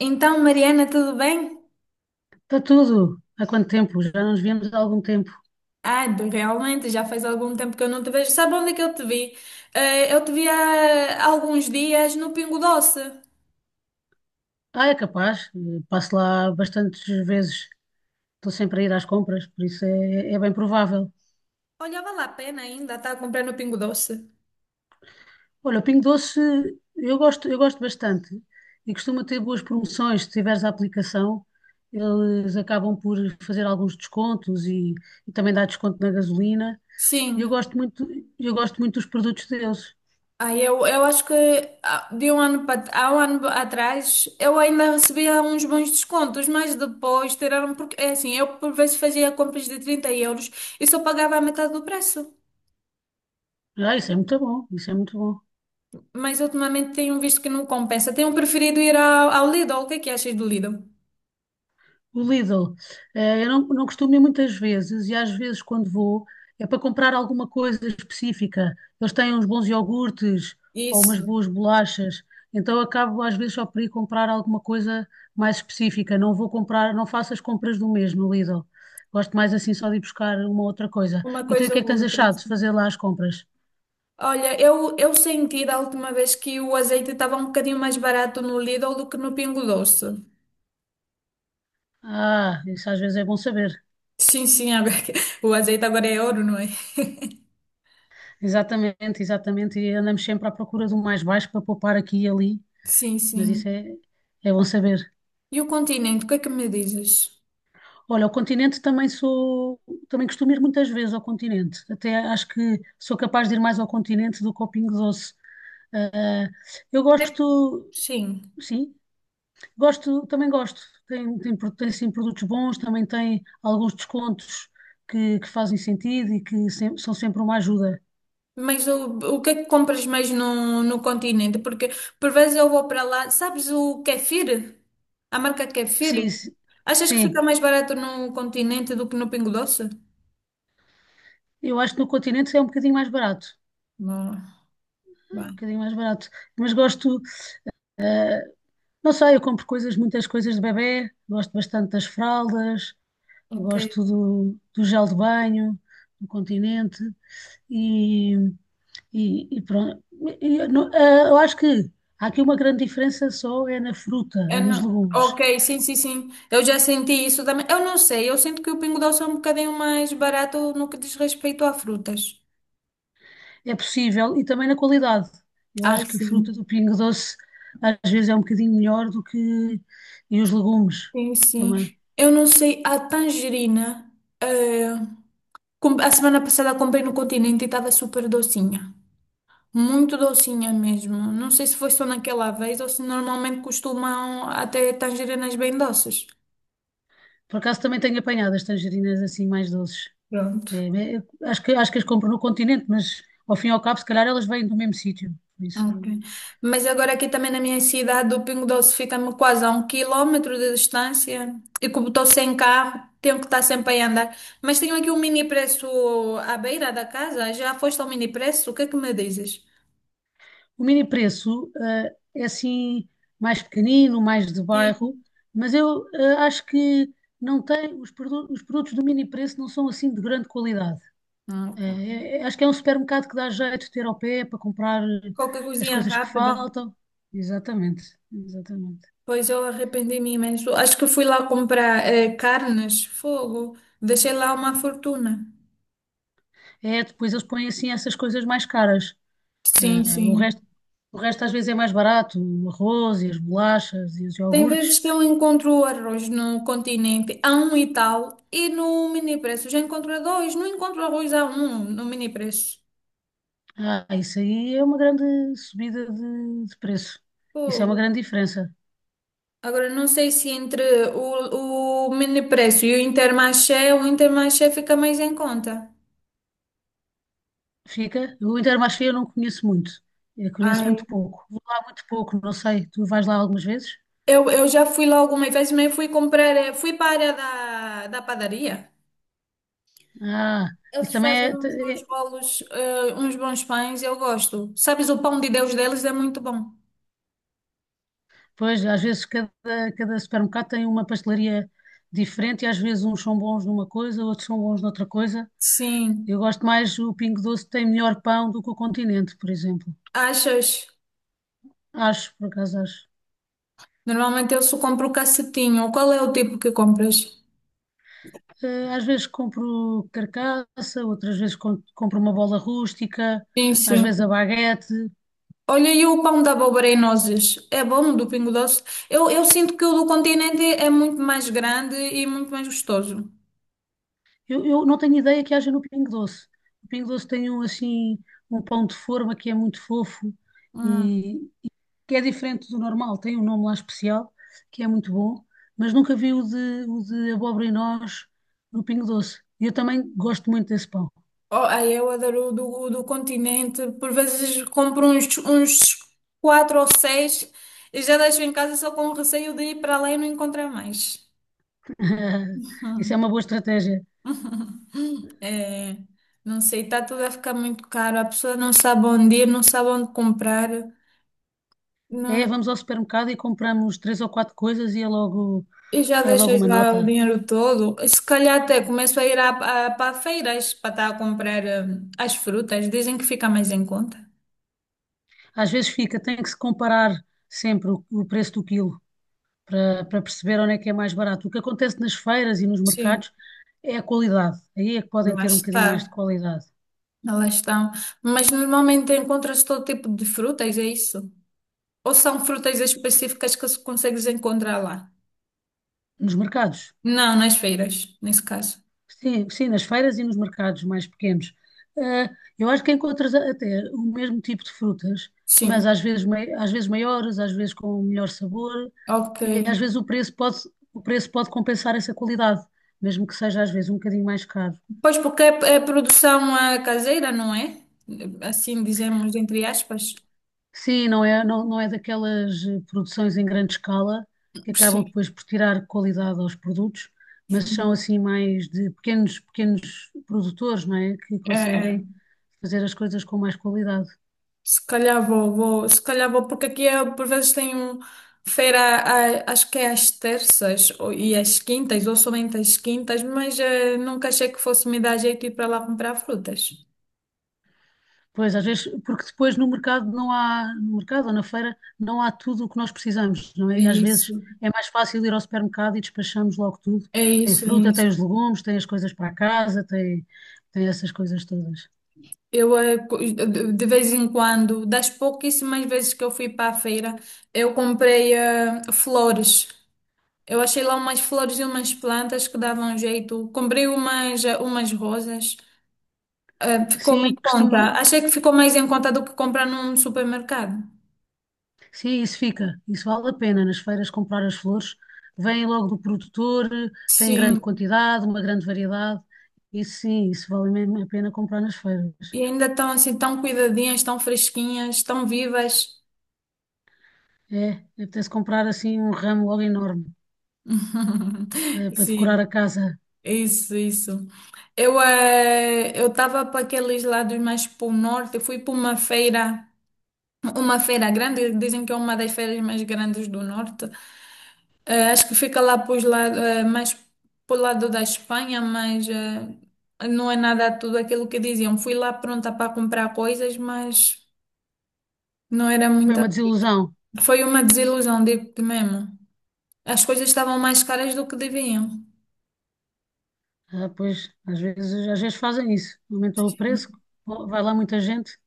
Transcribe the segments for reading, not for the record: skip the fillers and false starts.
Então, Mariana, tudo bem? Está tudo. Há quanto tempo? Já não nos víamos há algum tempo. Realmente, já faz algum tempo que eu não te vejo. Sabe onde é que eu te vi? Eu te vi há alguns dias no Pingo Doce. Ah, é capaz. Passo lá bastantes vezes. Estou sempre a ir às compras, por isso é bem provável. Olha, vale a pena ainda estar a comprar no Pingo Doce. Olha, o Pingo Doce eu gosto bastante e costuma ter boas promoções. Se tiveres a aplicação, eles acabam por fazer alguns descontos e também dá desconto na gasolina. E Sim. Eu gosto muito dos produtos deles. Eu acho que de um ano para, há um ano atrás eu ainda recebia uns bons descontos, mas depois tiraram, porque é assim, eu por vezes fazia compras de 30 euros e só pagava a metade do preço. Ah, isso é muito bom, isso é muito bom. Mas ultimamente tenho visto que não compensa. Tenho preferido ir ao Lidl. O que é que achas do Lidl? O Lidl. Eu não, não costumo ir muitas vezes e às vezes quando vou é para comprar alguma coisa específica. Eles têm uns bons iogurtes ou umas Isso, boas bolachas. Então eu acabo às vezes só por ir comprar alguma coisa mais específica. Não faço as compras do mesmo Lidl. Gosto mais assim só de ir buscar uma outra coisa. uma Então e o coisa que é que ou tens outra. achado de fazer lá as compras? Olha, eu senti da última vez que o azeite estava um bocadinho mais barato no Lidl do que no Pingo Doce. Ah, isso às vezes é bom saber. Sim, sim, o azeite agora é ouro, não é? Exatamente, exatamente. E andamos sempre à procura do mais baixo para poupar aqui e ali. Sim, Mas sim. É bom saber. E o continente, o que é que me dizes? Olha, ao continente também também costumo ir muitas vezes ao continente. Até acho que sou capaz de ir mais ao continente do que ao Pingo Doce. Ah, eu gosto, Sim. sim, gosto, também gosto. Tem sim produtos bons, também tem alguns descontos que fazem sentido e que são sempre uma ajuda. Mas o que é que compras mais no continente? Porque por vezes eu vou para lá. Sabes o kefir? A marca kefir? Sim, sim, Achas que fica sim. mais barato no continente do que no Pingo Doce? Eu acho que no continente é um bocadinho mais barato. Não, É um vá, bocadinho mais barato. Mas gosto. ah, Não sei, eu compro muitas coisas de bebé, gosto bastante das fraldas, ok. gosto do gel de banho, do continente e, e pronto. E eu não- ah, eu acho que há aqui uma grande diferença só é na fruta Eu e nos não- legumes. Ok, sim, sim, sim. Eu já senti isso também. Eu não sei, eu sinto que o Pingo Doce é um bocadinho mais barato no que diz respeito a frutas. É possível e também na qualidade. Eu Ai, acho que a fruta sim. do Pingo Doce às vezes é um bocadinho melhor do que e os legumes Sim, sim. também. Eu não sei, a tangerina. eh, A semana passada comprei no Continente e estava super docinha. Muito docinha mesmo. Não sei se foi só naquela vez ou se normalmente costumam até tangerinas bem doces. Por acaso também tenho apanhado as tangerinas assim mais doces. Pronto. É, é, acho que as compro no continente, mas ao fim e ao cabo, se calhar elas vêm do mesmo sítio. Por isso, Ok. Mas agora aqui também, na minha cidade, o Pingo Doce fica-me quase a um quilómetro de distância, e como estou sem carro, tenho que estar sempre a andar. Mas tenho aqui um mini preço à beira da casa. Já foste ao mini preço? O que é que me dizes? o mini preço, é assim mais pequenino, mais de bairro, Sim. mas acho que não tem, os produtos do mini preço não são assim de grande qualidade. Eh, Ok. Acho que é um supermercado que dá jeito de ter ao pé para comprar Qualquer as coisinha coisas que rápida. faltam. Exatamente, exatamente. Pois eu arrependi-me imenso. Acho que fui lá comprar carnes, fogo. Deixei lá uma fortuna. É, depois eles põem assim essas coisas mais caras. Sim, Ah, sim. O resto às vezes é mais barato, o arroz e as bolachas e os Tem iogurtes. vezes que eu encontro arroz no continente a um e tal, e no mini preço já encontro a dois. Não encontro arroz a um no mini preço. Ah, isso aí é uma grande subida de preço. Isso é uma Fogo. grande diferença. Agora, não sei se entre o mini preço e o Intermarché fica mais em conta. Fica. O Intermarché eu não conheço muito. Eu conheço Ai, muito pouco. Vou lá muito pouco, não sei. Tu vais lá algumas vezes? Eu já fui lá algumas vezes, mas fui comprar, fui para a área da padaria. Ah, isso Eles também fazem é. uns bons é- bolos, uns bons pães, eu gosto. Sabes, o pão de Deus deles é muito bom. pois, às vezes cada supermercado tem uma pastelaria diferente e às vezes uns são bons numa coisa, outros são bons noutra coisa. Sim. Eu gosto mais, o Pingo Doce tem melhor pão do que o Continente, por exemplo. Achas? Acho, por acaso acho. Normalmente eu só compro o cacetinho. Qual é o tipo que compras? Às vezes compro carcaça, compro uma bola rústica, Sim, às sim. vezes a baguete. Olha, e o pão da abóbora e nozes? É bom do Pingo Doce? Eu sinto que o do continente é muito mais grande e muito mais gostoso. Eu não tenho ideia que haja no Pingo Doce. O Pingo Doce tem um, assim, um pão de forma que é muito fofo Hum. e que é diferente do normal. Tem um nome lá especial, que é muito bom, mas nunca vi o de abóbora e nós no Pingo Doce. E eu também gosto muito desse pão. Oh, ai, eu adoro o o do Continente. Por vezes compro uns quatro ou seis e já deixo em casa só com receio de ir para lá e não encontrar mais. Isso é uma boa estratégia. É, não sei, está tudo a ficar muito caro. A pessoa não sabe onde ir, não sabe onde comprar. É, Não, vamos ao supermercado e compramos três ou quatro coisas e é e já é logo deixas uma lá o nota. dinheiro todo. E se calhar até começo a ir para feiras, para estar a comprar as frutas. Dizem que fica mais em conta. Às vezes fica, tem que se comparar sempre o preço do quilo para perceber onde é que é mais barato. O que acontece nas feiras e nos Sim, mercados é a qualidade. Aí é que podem lá ter um bocadinho mais de está. qualidade. Elas estão. Mas normalmente encontra-se todo tipo de frutas, é isso? Ou são frutas específicas que se consegues encontrar lá? Nos mercados. Não, nas feiras, nesse caso. Sim, sim, nas feiras e nos mercados mais pequenos. Ah, eu acho que até o mesmo tipo de frutas, Sim, mas às às vezes maiores, às vezes com melhor sabor, ok. e às vezes o preço pode compensar essa qualidade, mesmo que seja às vezes um bocadinho mais caro. Pois porque é produção caseira, não é? Assim dizemos, entre aspas. Sim, não é, não, não é daquelas produções em grande escala que acabam Sim, depois por tirar qualidade aos produtos, mas são assim mais de pequenos, pequenos produtores, não é? Que é, é. conseguem fazer as coisas com mais qualidade. Se calhar se calhar vou, porque aqui por vezes tem um feira, acho que é às terças e às quintas, ou somente às quintas, mas nunca achei que fosse me dar jeito ir para lá comprar frutas. Pois, às vezes, porque depois no mercado não há, no mercado ou na feira, não há tudo o que nós precisamos, não É é? E às vezes isso, é mais fácil ir ao supermercado e despachamos logo tudo. é Tem isso, é fruta, isso. tem os legumes, tem as coisas para a casa, tem essas coisas todas. De vez em quando, das pouquíssimas vezes que eu fui para a feira, eu comprei flores. Eu achei lá umas flores e umas plantas que davam jeito. Comprei umas rosas. Ficou mais em Sim, conta. costuma, Achei que ficou mais em conta do que comprar num supermercado. sim, isso fica, isso vale a pena nas feiras comprar as flores, vêm logo do produtor, têm Sim, grande quantidade, uma grande variedade, isso sim, isso vale mesmo a pena comprar nas feiras. e ainda estão assim tão cuidadinhas, tão fresquinhas, tão vivas. É, apetece comprar assim um ramo logo enorme. Para decorar Sim, a casa. isso, isso. Eu estava para aqueles lados mais para o norte, fui para uma feira grande. Dizem que é uma das feiras mais grandes do norte. É, acho que fica lá pros lado, é, mais pro lado da Espanha, mas é, não é nada tudo aquilo que diziam. Fui lá pronta para comprar coisas, mas não era Foi muita uma coisa. desilusão. Foi uma desilusão, digo-te mesmo. As coisas estavam mais caras do que deviam. Ah, pois, às vezes fazem isso. Aumentam o preço, vai lá muita gente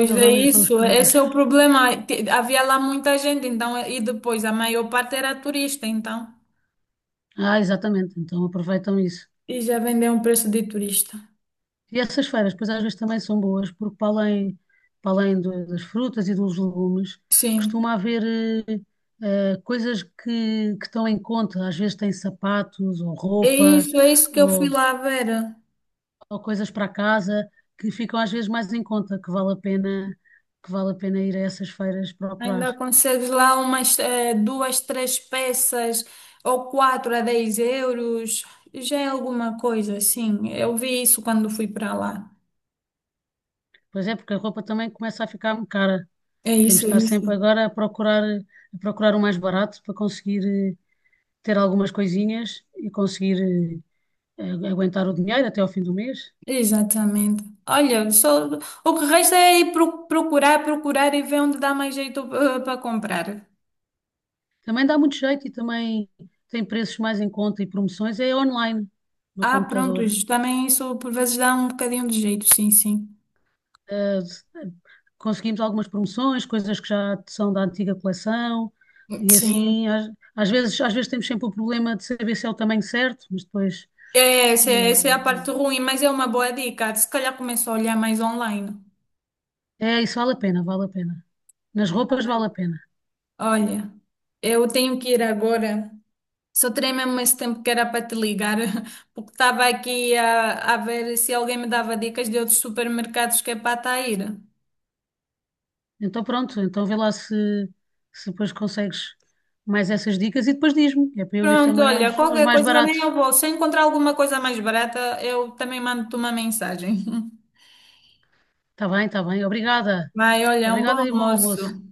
e eles é aumentam os isso, esse é preços. o problema. Havia lá muita gente, então, e depois a maior parte era turista, então. Ah, exatamente. Então aproveitam isso. E já vendeu um preço de turista. E essas feiras, pois às vezes também são boas, porque para além das frutas e dos legumes, Sim. costuma haver coisas que estão em conta. Às vezes tem sapatos ou roupa, É isso que eu fui ou lá ver. ou coisas para casa que ficam às vezes mais em conta, que vale a pena, que vale a pena ir a essas feiras procurar. Ainda consegues lá umas duas, três peças ou quatro, a 10 euros. Já é alguma coisa, sim. Eu vi isso quando fui para lá. Pois é, porque a roupa também começa a ficar cara. É Temos isso, de é estar sempre isso. agora a procurar o mais barato para conseguir ter algumas coisinhas e conseguir aguentar o dinheiro até ao fim do mês. Exatamente. Olha, só, o que resta é ir procurar, procurar e ver onde dá mais jeito para comprar. Também dá muito jeito e também tem preços mais em conta e promoções. É online, no Ah, pronto, computador. isso também, isso por vezes dá um bocadinho de jeito, sim, sim. eh, conseguimos algumas promoções, coisas que já são da antiga coleção, e assim, Sim. às, às vezes temos sempre o problema de saber se é o tamanho certo, mas depois, É, essa, é essa é a eh, parte ruim, mas é uma boa dica. Se calhar começo a olhar mais online. é, isso vale a pena, vale a pena. Nas roupas vale a pena. Olha, eu tenho que ir agora. Só terei mesmo esse tempo que era para te ligar, porque estava aqui a ver se alguém me dava dicas de outros supermercados que é para estar a ir. Então pronto, então vê lá se depois consegues mais essas dicas e depois diz-me, é para eu ir Pronto, também olha, aos, aos qualquer mais coisa também baratos. eu vou. Se eu encontrar alguma coisa mais barata, eu também mando-te uma mensagem. Está bem, obrigada. Vai, olha, um bom Obrigada e bom almoço. almoço.